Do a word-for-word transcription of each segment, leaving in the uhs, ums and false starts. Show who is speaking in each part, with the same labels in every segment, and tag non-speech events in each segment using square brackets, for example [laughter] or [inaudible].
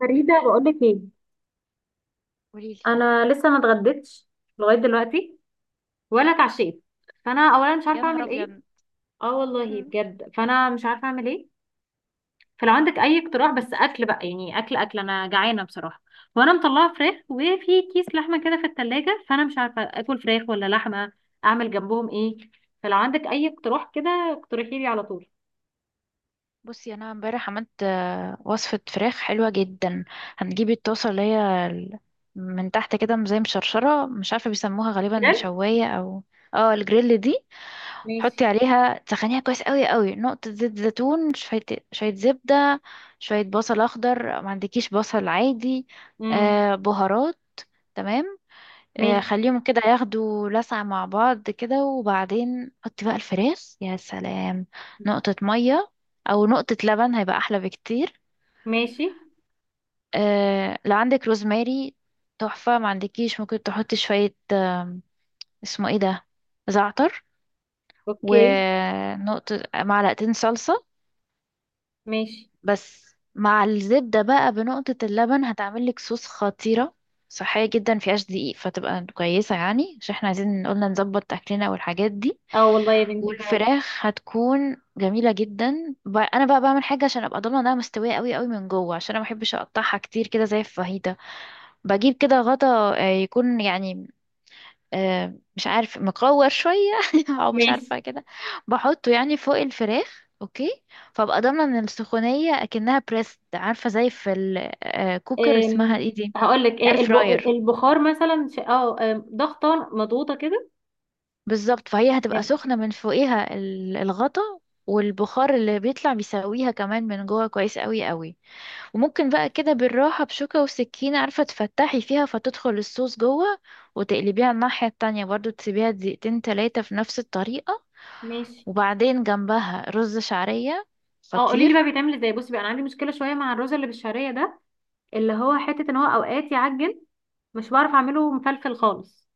Speaker 1: فريدة بقولك ايه؟
Speaker 2: قوليلي
Speaker 1: انا لسه ما اتغديتش لغاية دلوقتي ولا اتعشيت، فانا اولا مش
Speaker 2: يا
Speaker 1: عارفة
Speaker 2: نهار
Speaker 1: اعمل ايه.
Speaker 2: ابيض.
Speaker 1: اه والله
Speaker 2: مم.
Speaker 1: بجد، فانا مش عارفة اعمل ايه. فلو عندك اي اقتراح بس اكل بقى، يعني اكل اكل انا جعانة بصراحة. وانا مطلعة فراخ وفي كيس لحمة كده في التلاجة، فانا مش عارفة اكل فراخ ولا لحمة، اعمل جنبهم ايه؟ فلو عندك اي اقتراح كده اقترحي لي على طول.
Speaker 2: بصي، انا امبارح عملت آه، وصفه فراخ حلوه جدا. هنجيب الطاسه اللي هي ال- من تحت كده زي مشرشره، مش عارفه بيسموها غالبا
Speaker 1: بجد.
Speaker 2: شوايه او اه الجريل دي.
Speaker 1: ماشي.
Speaker 2: حطي عليها تسخنيها كويس قوي قوي، نقطه زيت زيتون، شويه شويه زبده، شويه بصل اخضر، ما عندكيش بصل عادي،
Speaker 1: امم.
Speaker 2: آه بهارات. تمام. آه،
Speaker 1: ماشي.
Speaker 2: خليهم كده ياخدوا لسعة مع بعض كده، وبعدين حطي بقى الفراخ. يا سلام. نقطة مية أو نقطة لبن هيبقى أحلى بكتير.
Speaker 1: ماشي.
Speaker 2: آه، لو عندك روزماري تحفة، ما عندكيش ممكن تحطي شوية آم، اسمه ايه ده، زعتر.
Speaker 1: اوكي.
Speaker 2: ونقطة معلقتين صلصة.
Speaker 1: ماشي.
Speaker 2: بس مع الزبدة بقى بنقطة اللبن هتعملك صوص خطيرة، صحية جدا، مفيهاش دقيق، فتبقى كويسة يعني، عشان احنا عايزين قلنا نظبط أكلنا والحاجات دي.
Speaker 1: اه والله يا بنتي فعلا.
Speaker 2: والفراخ هتكون جميلة جدا. ب- انا بقى بعمل حاجة عشان ابقى ضامنة انها مستوية قوي قوي من جوه، عشان انا ما بحبش اقطعها كتير كده زي الفاهيتا. بجيب كده غطا آه، يكون يعني آه، مش عارف، مقور شوية [laughs] او مش
Speaker 1: ماشي.
Speaker 2: عارفة كده، بحطه يعني فوق الفراخ، اوكي. فابقى ضامنة ان السخونية اكنها بريست، عارفة زي في الكوكر، اسمها ايه دي،
Speaker 1: هقول لك
Speaker 2: اير
Speaker 1: ايه، الب-
Speaker 2: فراير.
Speaker 1: البخار مثلا، ش- اه آم، ضغطه مضغوطه كده.
Speaker 2: بالظبط. فهي
Speaker 1: آم،
Speaker 2: هتبقى سخنة من فوقيها ال- الغطا والبخار اللي بيطلع بيسويها كمان من جوه كويس قوي قوي. وممكن بقى كده بالراحة بشوكة وسكينة، عارفة، تفتحي فيها فتدخل الصوص جوه، وتقلبيها الناحية التانية برضو، تسيبيها دقيقتين تلاتة في نفس الطريقة.
Speaker 1: ماشي.
Speaker 2: وبعدين جنبها رز شعرية،
Speaker 1: اه قولي لي بقى
Speaker 2: خطير.
Speaker 1: بيتعمل ازاي. بصي بقى، انا عندي مشكله شويه مع الرز اللي بالشعريه ده، اللي هو حته ان هو اوقات يعجن، مش بعرف اعمله مفلفل خالص.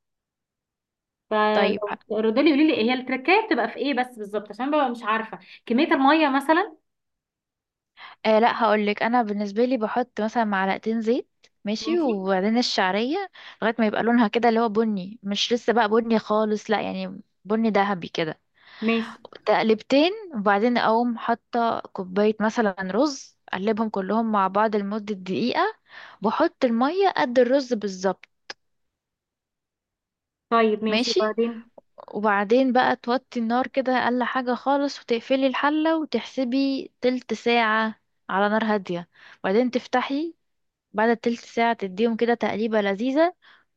Speaker 2: طيب.
Speaker 1: فلو ردي لي قولي لي هي التركايه بتبقى في ايه بس بالظبط، عشان ببقى مش عارفه كميه الميه مثلا.
Speaker 2: آه لا، هقولك انا بالنسبه لي بحط مثلا معلقتين زيت، ماشي،
Speaker 1: ماشي.
Speaker 2: وبعدين الشعريه لغايه ما يبقى لونها كده اللي هو بني، مش لسه بقى بني خالص، لا يعني بني ذهبي كده،
Speaker 1: ماشي.
Speaker 2: تقلبتين. وبعدين اقوم حاطه كوبايه مثلا رز، اقلبهم كلهم مع بعض لمده دقيقه، بحط الميه قد الرز بالظبط.
Speaker 1: طيب ماشي،
Speaker 2: ماشي.
Speaker 1: وبعدين؟
Speaker 2: وبعدين بقى توطي النار كده اقل حاجه خالص، وتقفلي الحله، وتحسبي تلت ساعه على نار هاديه. وبعدين تفتحي، بعد التلت ساعة تديهم كده تقليبة لذيذة،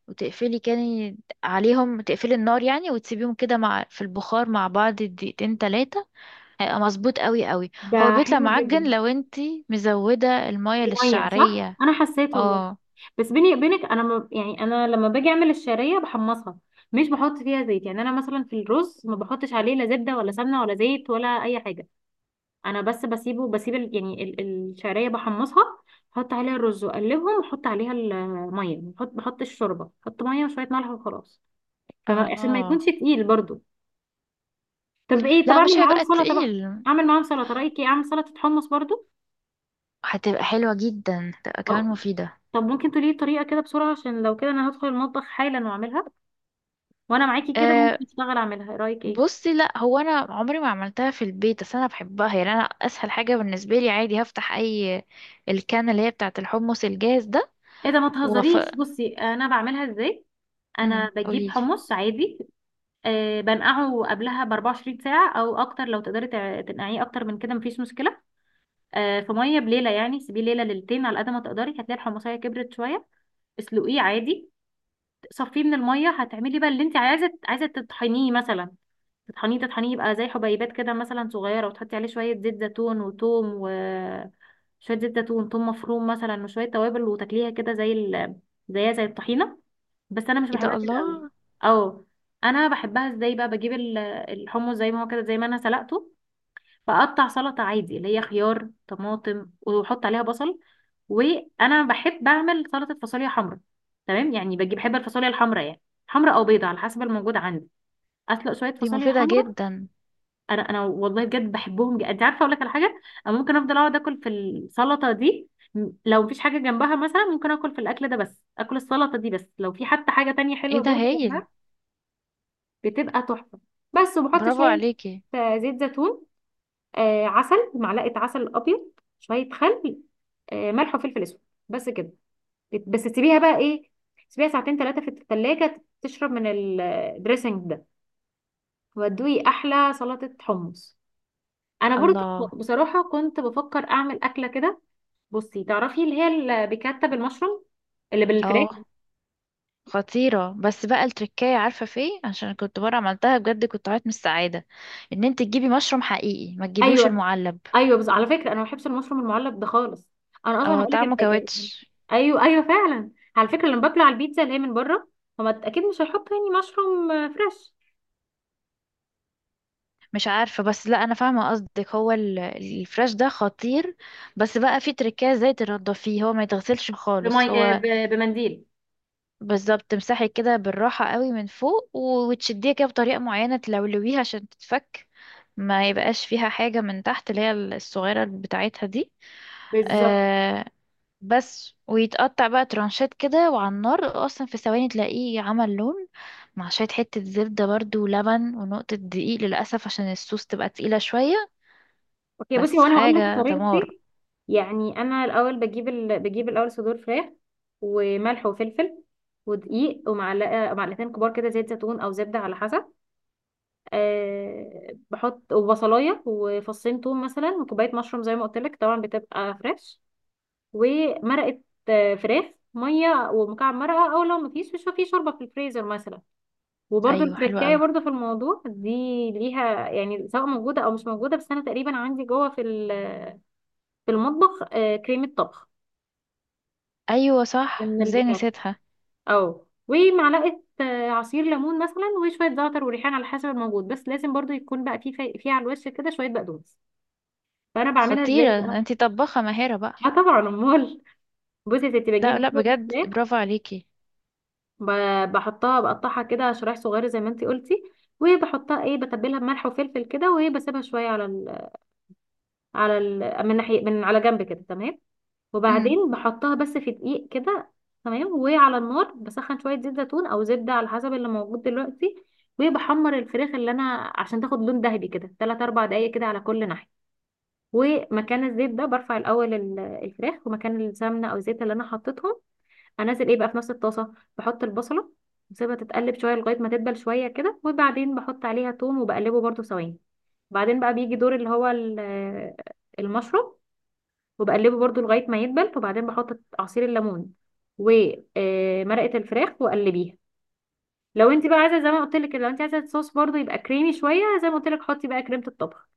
Speaker 2: وتقفلي كان عليهم، تقفلي النار يعني، وتسيبيهم كده مع في البخار مع بعض دقيقتين تلاتة، هيبقى مظبوط قوي قوي. هو
Speaker 1: ده
Speaker 2: بيطلع
Speaker 1: حلو
Speaker 2: معجن
Speaker 1: جدا.
Speaker 2: لو انتي مزودة المية
Speaker 1: دي ميه صح،
Speaker 2: للشعرية.
Speaker 1: انا حسيت والله.
Speaker 2: اه.
Speaker 1: بس بيني وبينك، انا ما يعني، انا لما باجي اعمل الشعريه بحمصها، مش بحط فيها زيت. يعني انا مثلا في الرز ما بحطش عليه لا زبده ولا سمنه ولا زيت ولا اي حاجه. انا بس بسيبه، بسيب ال- يعني ال- الشعريه بحمصها، بحط عليها الرز واقلبهم واحط عليها الميه، بحط بحط الشوربه، بحط ميه وشويه ملح وخلاص. فما- عشان ما
Speaker 2: اه
Speaker 1: يكونش تقيل برضو. طب ايه، طب
Speaker 2: لا،
Speaker 1: اعمل
Speaker 2: مش
Speaker 1: معاهم
Speaker 2: هيبقى
Speaker 1: سلطه بقى؟
Speaker 2: تقيل.
Speaker 1: اعمل معاهم سلطه، رايك ايه؟ اعمل سلطه حمص برضو؟
Speaker 2: هتبقى حلوة جدا، هتبقى كمان
Speaker 1: اه.
Speaker 2: مفيدة.
Speaker 1: طب ممكن تقولي لي طريقه كده بسرعه، عشان لو كده انا هدخل المطبخ حالا واعملها، وانا معاكي كده
Speaker 2: أه.
Speaker 1: ممكن اشتغل اعملها. ايه رايك، ايه؟
Speaker 2: بصي، لا هو انا عمري ما عملتها في البيت، بس انا بحبها يعني، انا اسهل حاجة بالنسبة لي عادي هفتح اي الكان اللي هي بتاعة الحمص الجاهز ده،
Speaker 1: ايه ده، ما
Speaker 2: وف-
Speaker 1: تهزريش. بصي انا بعملها ازاي. انا
Speaker 2: امم
Speaker 1: بجيب
Speaker 2: قوليلي.
Speaker 1: حمص عادي، أه بنقعه قبلها ب أربع وعشرين ساعه او اكتر. لو تقدري تع- تنقعيه اكتر من كده مفيش مشكله. أه في ميه بليله، يعني سيبيه ليله ليلتين على قد ما تقدري، هتلاقي الحمصيه كبرت شويه. اسلقيه عادي، صفيه من الميه. هتعملي بقى اللي انت عايزه. عايزه تطحنيه مثلا، تطحنيه تطحنيه يبقى زي حبيبات كده مثلا صغيرة، وتحطي عليه شوية زيت زيتون وتوم، و شوية زيت زيتون، توم مفروم مثلا، وشوية توابل، وتاكليها كده زي ال... زيها زي الطحينة، بس أنا مش
Speaker 2: ايه
Speaker 1: بحبها
Speaker 2: ده،
Speaker 1: كده قوي.
Speaker 2: الله.
Speaker 1: أو أنا بحبها ازاي بقى؟ بجيب ال- الحمص زي ما هو كده، زي ما أنا سلقته، بقطع سلطة عادي اللي هي خيار طماطم، وأحط عليها بصل. وأنا بحب أعمل سلطة فاصوليا حمرا، تمام؟ يعني بجيب، بحب الفاصوليا الحمرا يعني، حمرا أو بيضة على حسب الموجود عندي. أسلق شوية
Speaker 2: دي
Speaker 1: فاصوليا
Speaker 2: مفيدة
Speaker 1: حمرا.
Speaker 2: جدا.
Speaker 1: انا انا والله بجد بحبهم جدا. انت عارفه اقول لك على حاجه، انا ممكن افضل اقعد اكل في السلطه دي. م- لو مفيش حاجه جنبها مثلا ممكن اكل في الاكل ده بس، اكل السلطه دي بس. لو في حتى حاجه تانية
Speaker 2: ايه
Speaker 1: حلوه
Speaker 2: ده،
Speaker 1: برضه
Speaker 2: هايل.
Speaker 1: جنبها، بتبقى تحفه. بس وبحط
Speaker 2: برافو
Speaker 1: شويه
Speaker 2: عليكي.
Speaker 1: آه، زيت زيتون، آه عسل، معلقه عسل ابيض، شويه خل، آه ملح وفلفل اسود، بس كده. بت- بس تسيبيها بقى ايه، تسيبيها ساعتين ثلاثه في الثلاجه تشرب من الدريسنج ده، وادوي احلى سلطه حمص. انا برضه
Speaker 2: الله.
Speaker 1: بصراحه كنت بفكر اعمل اكله كده. بصي تعرفي اللي هي اللي بيكتب المشروم، اللي بالفراخ؟
Speaker 2: اه خطيرة، بس بقى التركية عارفة في إيه؟ عشان كنت مرة عملتها بجد كنت عيط من السعادة. ان انت تجيبي مشروم حقيقي، ما تجيبيهوش
Speaker 1: ايوه.
Speaker 2: المعلب.
Speaker 1: ايوه، بس على فكره انا ما بحبش المشروم المعلب ده خالص. انا اصلا
Speaker 2: اه
Speaker 1: هقول لك
Speaker 2: طعمه
Speaker 1: الحاجه.
Speaker 2: كاوتش.
Speaker 1: ايوه ايوه فعلا. على فكره لما باكله على البيتزا اللي هي من بره، هما اكيد مش هيحطوا يعني مشروم آه، فريش.
Speaker 2: مش عارفة، بس لا انا فاهمة قصدك، هو ال- الفراش ده خطير. بس بقى في تركية ازاي تنضفيه، هو ما يتغسلش خالص
Speaker 1: بمي... آه،
Speaker 2: هو.
Speaker 1: ب- بمنديل.
Speaker 2: بالظبط، تمسحي كده بالراحة قوي من فوق و- وتشديها كده بطريقة معينة، تلولويها عشان تتفك، ما يبقاش فيها حاجة من تحت اللي هي الصغيرة بتاعتها دي.
Speaker 1: بالظبط.
Speaker 2: آه. بس ويتقطع بقى ترانشات كده، وعلى النار اصلا في ثواني تلاقيه عمل لون، مع شوية حتة زبدة برضو ولبن ونقطة دقيق للأسف عشان الصوص تبقى تقيلة شوية.
Speaker 1: اوكي، بصي هو
Speaker 2: بس
Speaker 1: انا هقول لك
Speaker 2: حاجة دمار.
Speaker 1: طريقتي. يعني انا الاول بجيب ال... بجيب الاول صدور فراخ، وملح وفلفل ودقيق، ومعلقه معلقتين كبار كده زيت زيتون او زبده على حسب. أه بحط وبصلايه وفصين توم مثلا، وكوبايه مشروم زي ما قلت لك طبعا بتبقى فريش، ومرقه آه، فراخ، ميه ومكعب مرقه، او لو مفيش، مش في شوربه في الفريزر مثلا. وبرده
Speaker 2: ايوه حلوة
Speaker 1: التركايه
Speaker 2: قوي.
Speaker 1: برده في الموضوع دي ليها يعني، سواء موجوده او مش موجوده. بس انا تقريبا عندي جوه في ال، في المطبخ آه، كريمة طبخ
Speaker 2: ايوه صح،
Speaker 1: من
Speaker 2: ازاي
Speaker 1: البيكات،
Speaker 2: نسيتها.
Speaker 1: أو ومعلقة آه، عصير ليمون مثلا، وشوية زعتر وريحان على حسب الموجود. بس لازم برضو يكون بقى فيه، في في على الوش كده شوية بقدونس. فأنا بعملها ازاي
Speaker 2: خطيرة،
Speaker 1: بقى؟
Speaker 2: انتي طباخة ماهرة بقى.
Speaker 1: اه طبعا أمال. [laughs] بصي يا ستي، بجيب
Speaker 2: لا لا
Speaker 1: بصل
Speaker 2: بجد،
Speaker 1: الفراخ،
Speaker 2: برافو عليكي.
Speaker 1: ب- بحطها، بقطعها كده شرايح صغيرة زي ما انتي قلتي، وبحطها، ايه، بتبلها بملح وفلفل كده، وبسيبها شوية على ال، على ال، من ناحية من على جنب كده، تمام.
Speaker 2: امم.
Speaker 1: وبعدين بحطها بس في دقيق كده، تمام. وعلى النار بسخن شوية زيت زيتون أو زبدة على حسب اللي موجود دلوقتي، وبحمر الفراخ اللي أنا، عشان تاخد لون ذهبي كده، تلات أربع دقايق كده على كل ناحية. ومكان الزيت ده برفع الأول ال- الفراخ، ومكان السمنة أو الزيت اللي أنا حطيتهم أنزل إيه بقى في نفس الطاسة، بحط البصلة وسيبها تتقلب شوية لغاية ما تدبل شوية كده. وبعدين بحط عليها توم، وبقلبه برضو ثواني. بعدين بقى بيجي دور اللي هو ال- المشروم، وبقلبه برضو لغاية ما يدبل. وبعدين بحط عصير الليمون ومرقة الفراخ وقلبيها. لو انت بقى عايزة، زي ما قلت لك، لو انت عايزة صوص برضو يبقى كريمي شوية، زي ما قلت لك حطي بقى كريمة الطبخ.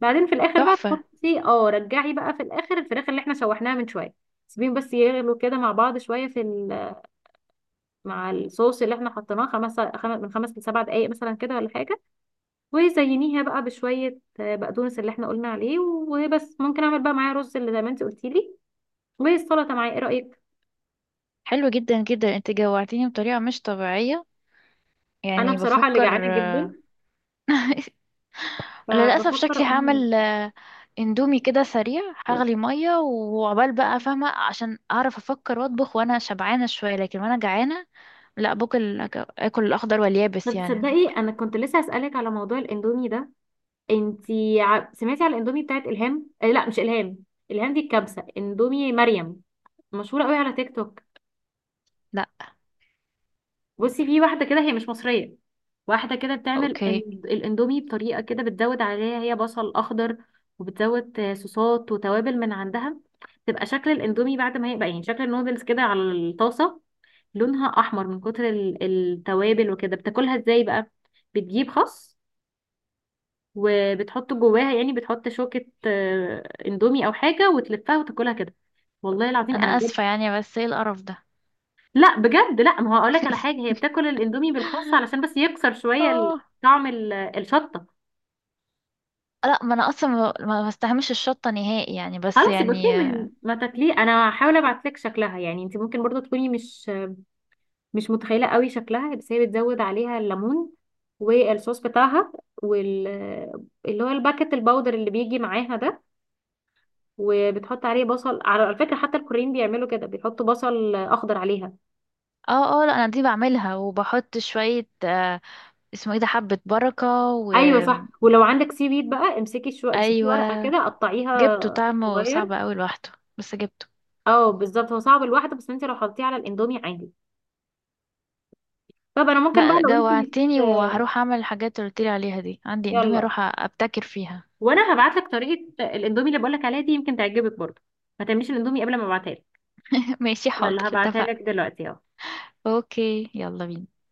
Speaker 1: بعدين في الاخر بقى
Speaker 2: تحفة.
Speaker 1: تحطي، اه رجعي بقى في الاخر الفراخ اللي احنا شوحناها من شوية. سيبيهم بس يغلوا كده مع بعض شوية في ال- مع الصوص اللي احنا حطيناه، خمس خم- من خمس لسبع دقايق مثلا كده ولا حاجة. وزينيها بقى بشوية آه، بقدونس اللي احنا قلنا عليه وبس. ممكن اعمل بقى معايا رز اللي زي ما انت قلتي لي، والسلطة معايا، ايه رأيك؟
Speaker 2: حلو جدا جدا. انت جوعتيني بطريقة مش طبيعية،
Speaker 1: انا
Speaker 2: يعني
Speaker 1: بصراحه اللي
Speaker 2: بفكر.
Speaker 1: جعانه جدا،
Speaker 2: [laughs] للأسف
Speaker 1: فبفكر
Speaker 2: شكلي
Speaker 1: اقوم
Speaker 2: هعمل
Speaker 1: أجيب.
Speaker 2: آه، اندومي كده سريع، هغلي مية وعقبال بقى، فاهمة؟ عشان أعرف أفكر وأطبخ وأنا شبعانة شوية، لكن وأنا جعانة لا باكل، آكل الأخضر واليابس
Speaker 1: طب
Speaker 2: يعني.
Speaker 1: تصدقي انا كنت لسه اسالك على موضوع الاندومي ده. انتي ع- سمعتي على الاندومي بتاعت الهام، آه لا مش الهام، الهام دي الكبسه، اندومي مريم، مشهوره قوي على تيك توك.
Speaker 2: لا.
Speaker 1: بصي في واحده كده هي مش مصريه، واحده كده بتعمل إن-
Speaker 2: أوكي.
Speaker 1: الاندومي بطريقه كده، بتزود عليها هي بصل اخضر، وبتزود آه، صوصات وتوابل من عندها. تبقى شكل الاندومي بعد ما هيبقى، يعني شكل النودلز كده على الطاسه، لونها احمر من كتر ال- التوابل وكده. بتاكلها ازاي بقى؟ بتجيب خس، وبتحط جواها، يعني بتحط شوكة آه، اندومي او حاجة، وتلفها وتاكلها كده. والله العظيم
Speaker 2: أنا
Speaker 1: انا بجد.
Speaker 2: آسفة يعني، بس إيه القرف ده.
Speaker 1: لا بجد، لا، ما هو هقول لك على
Speaker 2: [laughs]
Speaker 1: حاجة، هي بتاكل الاندومي بالخس علشان بس يكسر شوية ال-
Speaker 2: اه
Speaker 1: طعم ال- الشطة.
Speaker 2: لا، ما أنا أصلا ما ما بستحملش الشطة نهائي يعني، بس
Speaker 1: خلاص يبقى
Speaker 2: يعني.
Speaker 1: كده، من ما تاكليه انا هحاول ابعت لك شكلها. يعني انت ممكن برضو تكوني مش مش متخيله قوي شكلها، بس هي بتزود عليها الليمون، والصوص بتاعها، وال، اللي هو الباكت الباودر اللي بيجي معاها ده. وبتحط عليه بصل، على فكره حتى الكوريين بيعملوا كده، بيحطوا بصل اخضر عليها.
Speaker 2: اه اه لا، انا دي بعملها وبحط شوية آه اسمه ايه ده، حبة بركة، و
Speaker 1: ايوه صح، ولو عندك سي ويد بقى، امسكي شو، امسكي
Speaker 2: ايوه
Speaker 1: ورقه كده قطعيها
Speaker 2: جبته طعمه
Speaker 1: صغير.
Speaker 2: صعب اوي لوحده، بس جبته.
Speaker 1: اه بالظبط، هو صعب لوحده، بس انت لو حطيتيه على الاندومي عادي. طب انا ممكن بقى،
Speaker 2: لا
Speaker 1: لو انت مش،
Speaker 2: جوعتني، وهروح اعمل الحاجات اللي قلتلي عليها دي، عندي اندومي
Speaker 1: يلا.
Speaker 2: اروح أ- ابتكر فيها.
Speaker 1: وانا هبعت لك طريقه الاندومي اللي بقول لك عليها دي، يمكن تعجبك برضه. ما تعمليش الاندومي قبل ما ابعتها.
Speaker 2: [laughs] ماشي حاضر،
Speaker 1: يلا هبعتها
Speaker 2: اتفقنا.
Speaker 1: لك دلوقتي اهو.
Speaker 2: اوكي، يلا بينا.